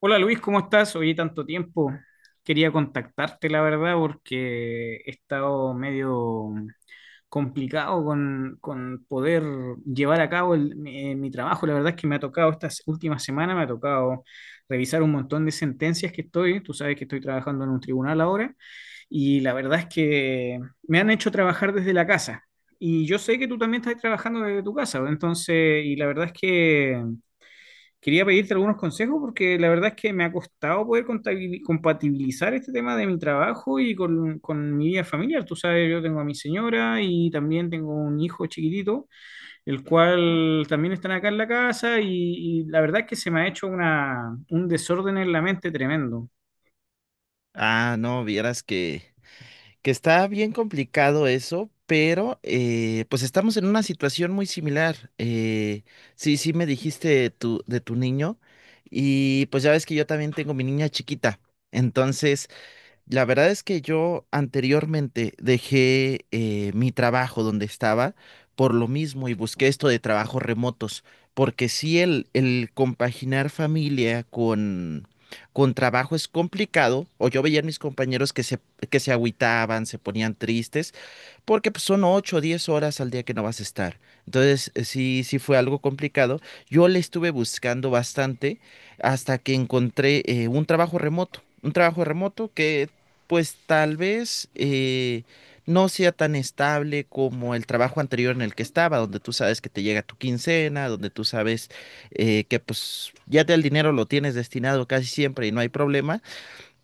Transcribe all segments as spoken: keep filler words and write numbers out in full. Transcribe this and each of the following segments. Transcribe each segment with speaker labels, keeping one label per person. Speaker 1: Hola Luis, ¿cómo estás? Oye, tanto tiempo. Quería contactarte, la verdad, porque he estado medio complicado con, con poder llevar a cabo el- mi, eh, mi trabajo. La verdad es que me ha tocado, estas últimas semanas me ha tocado revisar un montón de sentencias que estoy. Tú sabes que estoy trabajando en un tribunal ahora y la verdad es que me han hecho trabajar desde la casa. Y yo sé que tú también estás trabajando desde tu casa, entonces, y la verdad es que quería pedirte algunos consejos porque la verdad es que me ha costado poder contabil- compatibilizar este tema de mi trabajo y con, con mi vida familiar. Tú sabes, yo tengo a mi señora y también tengo un hijo chiquitito, el cual también están acá en la casa y, y la verdad es que se me ha hecho una, un desorden en la mente tremendo.
Speaker 2: Ah, no, vieras que, que está bien complicado eso, pero eh, pues estamos en una situación muy similar. Eh, sí, sí me dijiste de tu, de tu niño y pues ya ves que yo también tengo mi niña chiquita. Entonces, la verdad es que yo anteriormente dejé eh, mi trabajo donde estaba por lo mismo y busqué esto de trabajos remotos, porque sí el, el compaginar familia con, con trabajo es complicado, o yo veía a mis compañeros que se, que se agüitaban, se ponían tristes, porque pues, son ocho o diez horas al día que no vas a estar. Entonces, eh, sí, sí fue algo complicado. Yo le estuve buscando bastante hasta que encontré eh, un trabajo remoto, un trabajo remoto que pues tal vez eh, no sea tan estable como el trabajo anterior en el que estaba, donde tú sabes que te llega tu quincena, donde tú sabes eh, que pues ya te- el dinero lo tienes destinado casi siempre y no hay problema.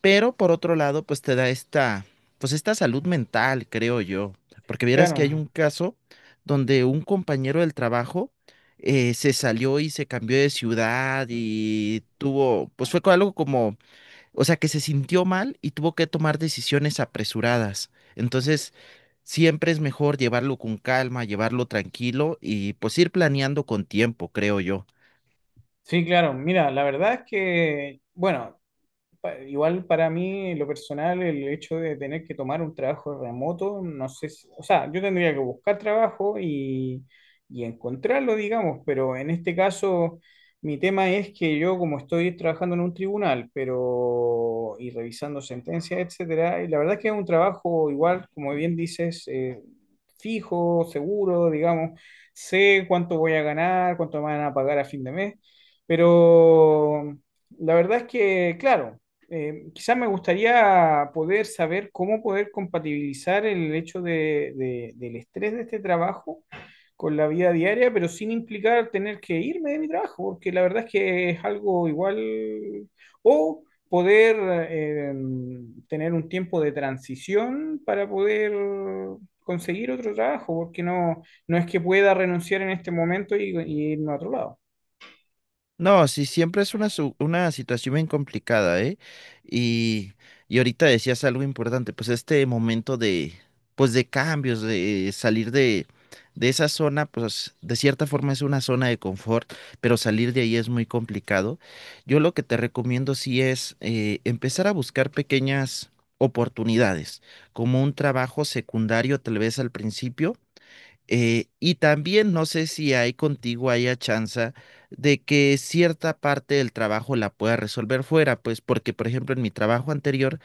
Speaker 2: Pero por otro lado, pues te da esta, pues esta salud mental, creo yo, porque vieras que hay
Speaker 1: Claro,
Speaker 2: un caso donde un compañero del trabajo eh, se salió y se cambió de ciudad y tuvo, pues fue co- algo como, o sea, que se sintió mal y tuvo que tomar decisiones apresuradas. Entonces, siempre es mejor llevarlo con calma, llevarlo tranquilo y pues ir planeando con tiempo, creo yo.
Speaker 1: sí, claro. Mira, la verdad es que, bueno, pa- igual para mí, en lo personal, el hecho de tener que tomar un trabajo remoto, no sé si- o sea, yo tendría que buscar trabajo y, y encontrarlo, digamos, pero en este caso, mi tema es que yo, como estoy trabajando en un tribunal, pero, y revisando sentencias, etcétera, y la verdad es que es un trabajo igual, como bien dices, eh, fijo, seguro, digamos, sé cuánto voy a ganar, cuánto me van a pagar a fin de mes, pero... La verdad es que, claro, eh, quizás me gustaría poder saber cómo poder compatibilizar el hecho de- de- del estrés de este trabajo con la vida diaria, pero sin implicar tener que irme de mi trabajo, porque la verdad es que es algo igual, o poder eh, tener un tiempo de transición para poder conseguir otro trabajo, porque no, no es que pueda renunciar en este momento y, y irme a otro lado.
Speaker 2: No, sí, siempre es una, su- una situación bien complicada, ¿eh? Y, y ahorita decías algo importante, pues este momento de, pues de cambios, de salir de, de esa zona, pues de cierta forma es una zona de confort, pero salir de ahí es muy complicado. Yo lo que te recomiendo sí es eh, empezar a buscar pequeñas oportunidades, como un trabajo secundario tal vez al principio eh, y también no sé si hay contigo haya chance de que cierta parte del trabajo la pueda resolver fuera, pues porque, por ejemplo, en mi trabajo anterior,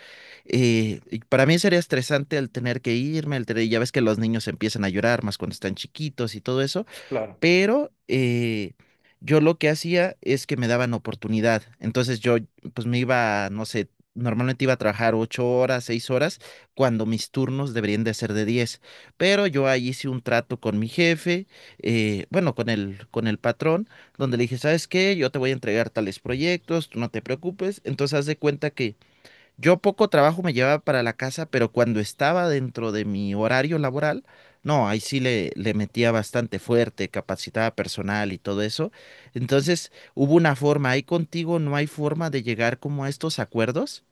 Speaker 2: eh, y para mí sería estresante el tener que irme, el tener- ya ves que los niños empiezan a llorar más cuando están chiquitos y todo eso,
Speaker 1: Claro.
Speaker 2: pero eh, yo lo que hacía es que me daban oportunidad. Entonces yo pues me iba, no sé, normalmente iba a trabajar ocho horas, seis horas, cuando mis turnos deberían de ser de diez. Pero yo ahí hice un trato con mi jefe, eh, bueno, con el, con el patrón, donde le dije, ¿sabes qué? Yo te voy a entregar tales proyectos, tú no te preocupes. Entonces haz de cuenta yo poco trabajo me llevaba para la casa, pero cuando estaba dentro de mi horario laboral, no, ahí sí le, le metía bastante fuerte, capacitaba personal y todo eso. Entonces, hubo una forma, ahí contigo no hay forma de llegar como a estos acuerdos.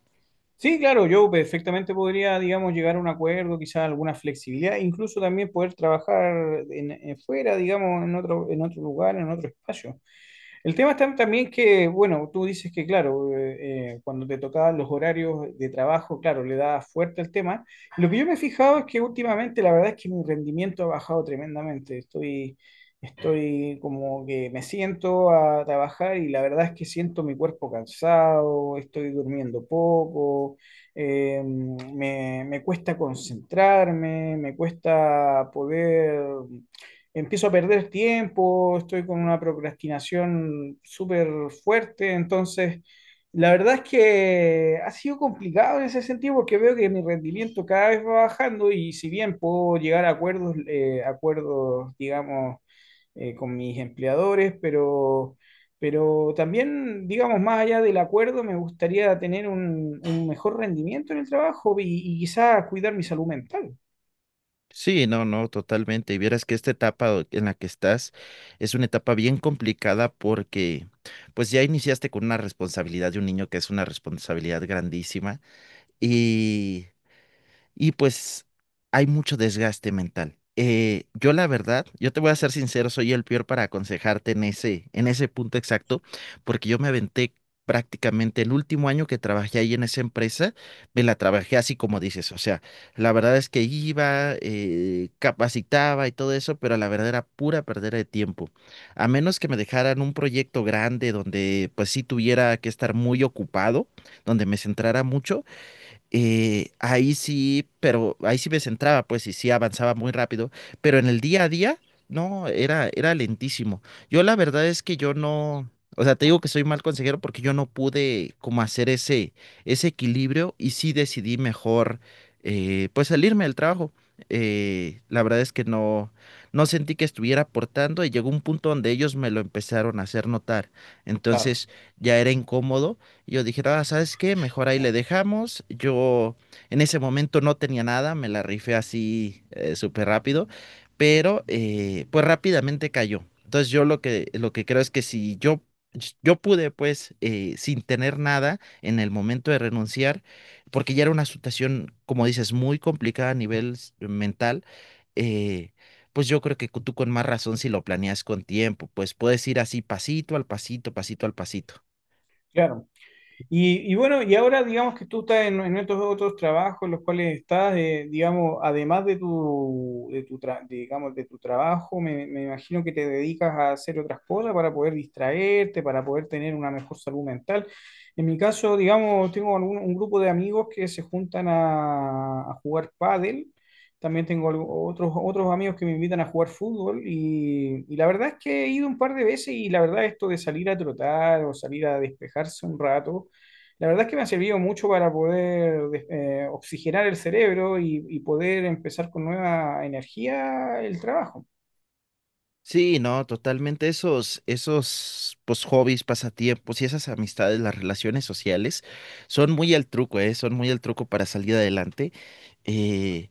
Speaker 1: Sí, claro, yo perfectamente podría, digamos, llegar a un acuerdo, quizás alguna flexibilidad, incluso también poder trabajar en, en fuera, digamos, en otro, en otro lugar, en otro espacio. El tema está también que, bueno, tú dices que, claro, eh, eh, cuando te tocaban los horarios de trabajo, claro, le da fuerte al tema. Lo que yo me he fijado es que últimamente la verdad es que mi rendimiento ha bajado tremendamente. Estoy, estoy como que me siento a trabajar y la verdad es que siento mi cuerpo cansado, estoy durmiendo poco, eh, me, me cuesta concentrarme, me cuesta poder empiezo a perder tiempo, estoy con una procrastinación súper fuerte, entonces la verdad es que ha sido complicado en ese sentido porque veo que mi rendimiento cada vez va bajando y si bien puedo llegar a acuerdos, eh, acuerdos, digamos, eh, con mis empleadores, pero... Pero también, digamos, más allá del acuerdo, me gustaría tener un, un mejor rendimiento en el trabajo y, y quizás cuidar mi salud mental.
Speaker 2: Sí, no, no, totalmente. Y vieras que esta etapa o- en la que estás es una etapa bien complicada porque pues ya iniciaste con una responsabilidad de un niño que es una responsabilidad grandísima. y y pues hay mucho desgaste mental. Eh, yo la verdad, yo te voy a ser sincero, soy el peor para aconsejarte en ese, en ese punto exacto, porque yo me aventé prácticamente el último año que trabajé ahí en esa empresa, me la trabajé así como dices, o sea, la verdad es que iba, eh, capacitaba y todo eso, pero la verdad era pura perdera de tiempo. A menos que me dejaran un proyecto grande donde pues sí tuviera que estar muy ocupado, donde me centrara mucho eh, ahí sí, pero ahí sí me centraba, pues, y sí avanzaba muy rápido, pero en el día a día, no, era, era lentísimo. Yo la verdad es que yo no, o sea, te digo que soy mal consejero porque yo no pude como hacer ese, ese equilibrio y sí decidí mejor, eh, pues, salirme del trabajo. Eh, la verdad es que no, no sentí que estuviera aportando y llegó un punto donde ellos me lo empezaron a hacer notar.
Speaker 1: Claro.
Speaker 2: Entonces ya era incómodo y yo dije, ah, ¿sabes qué? Mejor ahí le dejamos. Yo en ese momento no tenía nada, me la rifé así eh, súper rápido, pero eh, pues rápidamente cayó. Entonces yo lo que, lo que creo es que si yo, yo pude pues eh, sin tener nada en el momento de renunciar, porque ya era una situación, como dices, muy complicada a nivel s- mental, eh, pues yo creo que tú con más razón si lo planeas con tiempo, pues puedes ir así pasito al pasito, pasito al pasito.
Speaker 1: Claro. Y, y bueno, y ahora digamos que tú estás en, en estos otros trabajos en los cuales estás, eh, digamos, además de tu, de tu tra- digamos, de tu trabajo, me, me imagino que te dedicas a hacer otras cosas para poder distraerte, para poder tener una mejor salud mental. En mi caso, digamos, tengo algún- un grupo de amigos que se juntan a, a jugar pádel. También tengo algo- otros, otros amigos que me invitan a jugar fútbol y, y la verdad es que he ido un par de veces y la verdad esto de salir a trotar o salir a despejarse un rato la verdad es que me ha servido mucho para poder des- eh, oxigenar el cerebro y, y poder empezar con nueva energía el trabajo.
Speaker 2: Sí, no, totalmente esos, esos pues, hobbies, pasatiempos y esas amistades, las relaciones sociales, son muy al truco, ¿eh? Son muy al truco para salir adelante. Eh,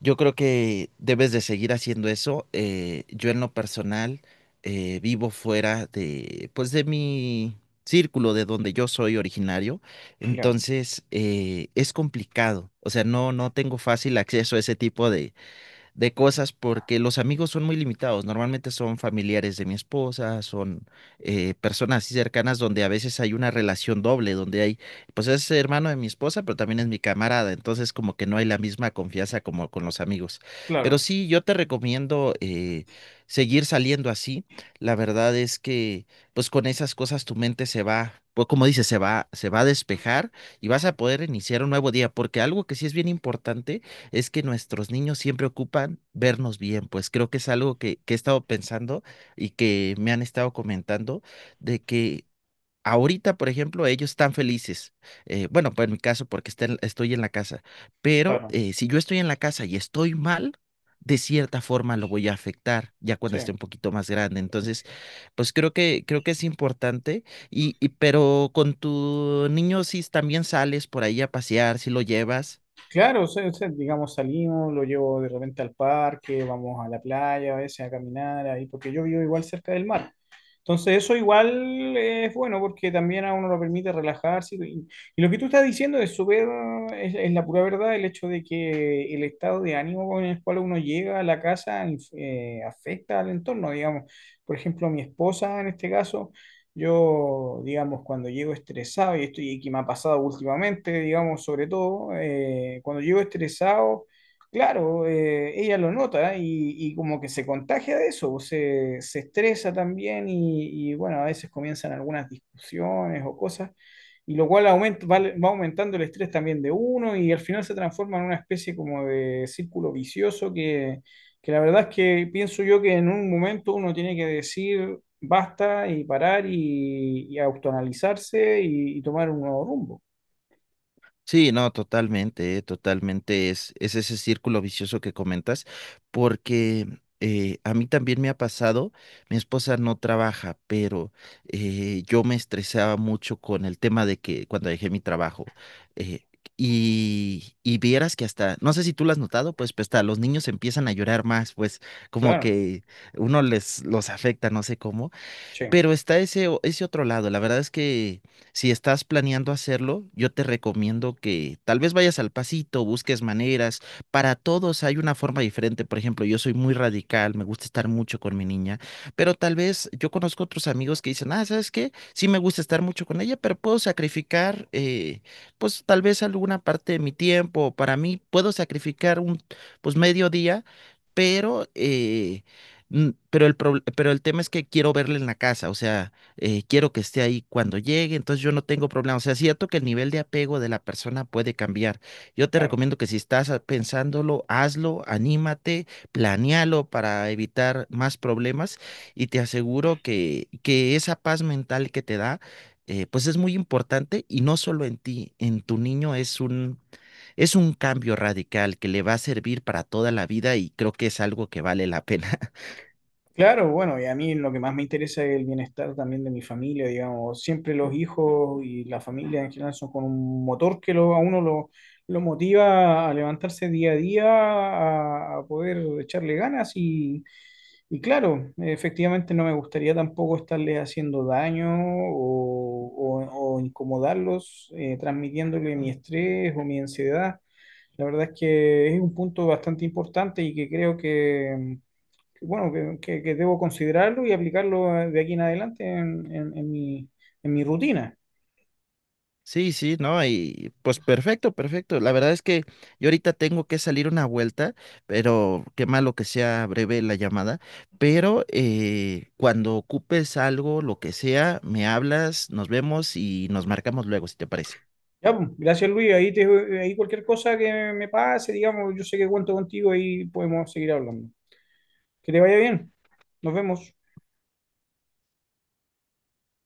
Speaker 2: Yo creo que debes de seguir haciendo eso. Eh, yo en lo personal eh, vivo fuera de, pues de mi círculo, de donde yo soy originario.
Speaker 1: Ya,
Speaker 2: Entonces eh, es complicado. O sea, no, no tengo fácil acceso a ese tipo de cosas porque los amigos son muy limitados. Normalmente son familiares de mi esposa, son eh, personas así cercanas donde a veces hay una relación doble, donde hay, pues es hermano de mi esposa, pero también es mi camarada. Entonces como que no hay la misma confianza como con los amigos. Pero
Speaker 1: claro,
Speaker 2: sí, yo te recomiendo eh, seguir saliendo así. La verdad es que pues con esas cosas tu mente se va. Pues como dices, se va, se va a despejar y vas a poder iniciar un nuevo día, porque algo que sí es bien importante es que nuestros niños siempre ocupan vernos bien, pues creo que es algo que, que he estado pensando y que me han estado comentando de que ahorita, por ejemplo, ellos están felices. Eh, bueno, pues en mi caso, porque está en- estoy en la casa, pero
Speaker 1: claro,
Speaker 2: eh, si yo estoy en la casa y estoy mal, de cierta forma lo voy a afectar ya cuando
Speaker 1: sí.
Speaker 2: esté un poquito más grande. Entonces, pues creo que, creo que es importante. Y, y pero con tu niño, si también sales por ahí a pasear, si lo llevas.
Speaker 1: Claro, o sea, o sea, digamos, salimos, lo llevo de repente al parque, vamos a la playa, a veces a caminar ahí, porque yo vivo igual cerca del mar. Entonces eso igual es bueno porque también a uno lo permite relajarse. Y, y lo que tú estás diciendo es súper, es, es la pura verdad, el hecho de que el estado de ánimo con el cual uno llega a la casa eh, afecta al entorno, digamos. Por ejemplo, mi esposa en este caso, yo, digamos, cuando llego estresado, y esto y que me ha pasado últimamente, digamos, sobre todo, eh, cuando llego estresado. Claro, eh, ella lo nota y, y como que se contagia de eso, pues, se, se estresa también y, y, bueno, a veces comienzan algunas discusiones o cosas, y lo cual aumenta, va, va aumentando el estrés también de uno y al final se transforma en una especie como de círculo vicioso que, que la verdad es que pienso yo que en un momento uno tiene que decir basta y parar y, y autoanalizarse y, y tomar un nuevo rumbo.
Speaker 2: Sí, no, totalmente, eh, totalmente es, es ese círculo vicioso que comentas, porque eh, a mí también me ha pasado, mi esposa no trabaja, pero eh, yo me estresaba mucho con el tema de que cuando dejé mi trabajo, eh, y, y vieras que hasta, no sé si tú lo has notado, pues, pues hasta los niños empiezan a llorar más, pues como
Speaker 1: Claro,
Speaker 2: que uno les los afecta, no sé cómo,
Speaker 1: sí,
Speaker 2: pero está ese, o- ese otro lado. La verdad es que si estás planeando hacerlo, yo te recomiendo que tal vez vayas al pasito, busques maneras. Para todos hay una forma diferente. Por ejemplo, yo soy muy radical, me gusta estar mucho con mi niña, pero tal vez yo conozco otros amigos que dicen, ah, ¿sabes qué? Sí me gusta estar mucho con ella, pero puedo sacrificar, eh, pues tal vez alguna parte de mi tiempo. Para mí, puedo sacrificar un, pues medio día, pero... eh, Mm, pero el, prob- pero el tema es que quiero verle en la casa, o sea, eh, quiero que esté ahí cuando llegue, entonces yo no tengo problema. O sea, es cierto que el nivel de apego de la persona puede cambiar. Yo te
Speaker 1: claro.
Speaker 2: recomiendo que si estás ah, pensándolo, hazlo, anímate, planéalo para evitar más problemas y te aseguro que, que esa paz mental que te da, eh, pues es muy importante y no solo en ti, en tu niño es un, es un cambio radical que le va a servir para toda la vida y creo que es algo que vale la pena.
Speaker 1: Claro, bueno, y a mí lo que más me interesa es el bienestar también de mi familia, digamos, siempre los hijos y la familia en general son con un motor que lo, a uno lo, lo motiva a levantarse día a día, a, a poder echarle ganas y, y claro, efectivamente no me gustaría tampoco estarle haciendo daño o, o- o incomodarlos, eh, transmitiéndole mi estrés o mi ansiedad. La verdad es que es un punto bastante importante y que creo que bueno, que, que- que debo considerarlo y aplicarlo eh, de aquí en adelante en, en- en mi, en mi rutina.
Speaker 2: Sí, sí, no, y pues perfecto, perfecto. La verdad es que yo ahorita tengo que salir una vuelta, pero qué malo que sea breve la llamada, pero eh, cuando ocupes algo, lo que sea, me hablas, nos vemos y nos marcamos luego, si te parece.
Speaker 1: Ya, pues, gracias Luis, ahí, te, ahí cualquier cosa que me pase, digamos, yo sé que cuento contigo y podemos seguir hablando. Que te vaya bien, nos vemos.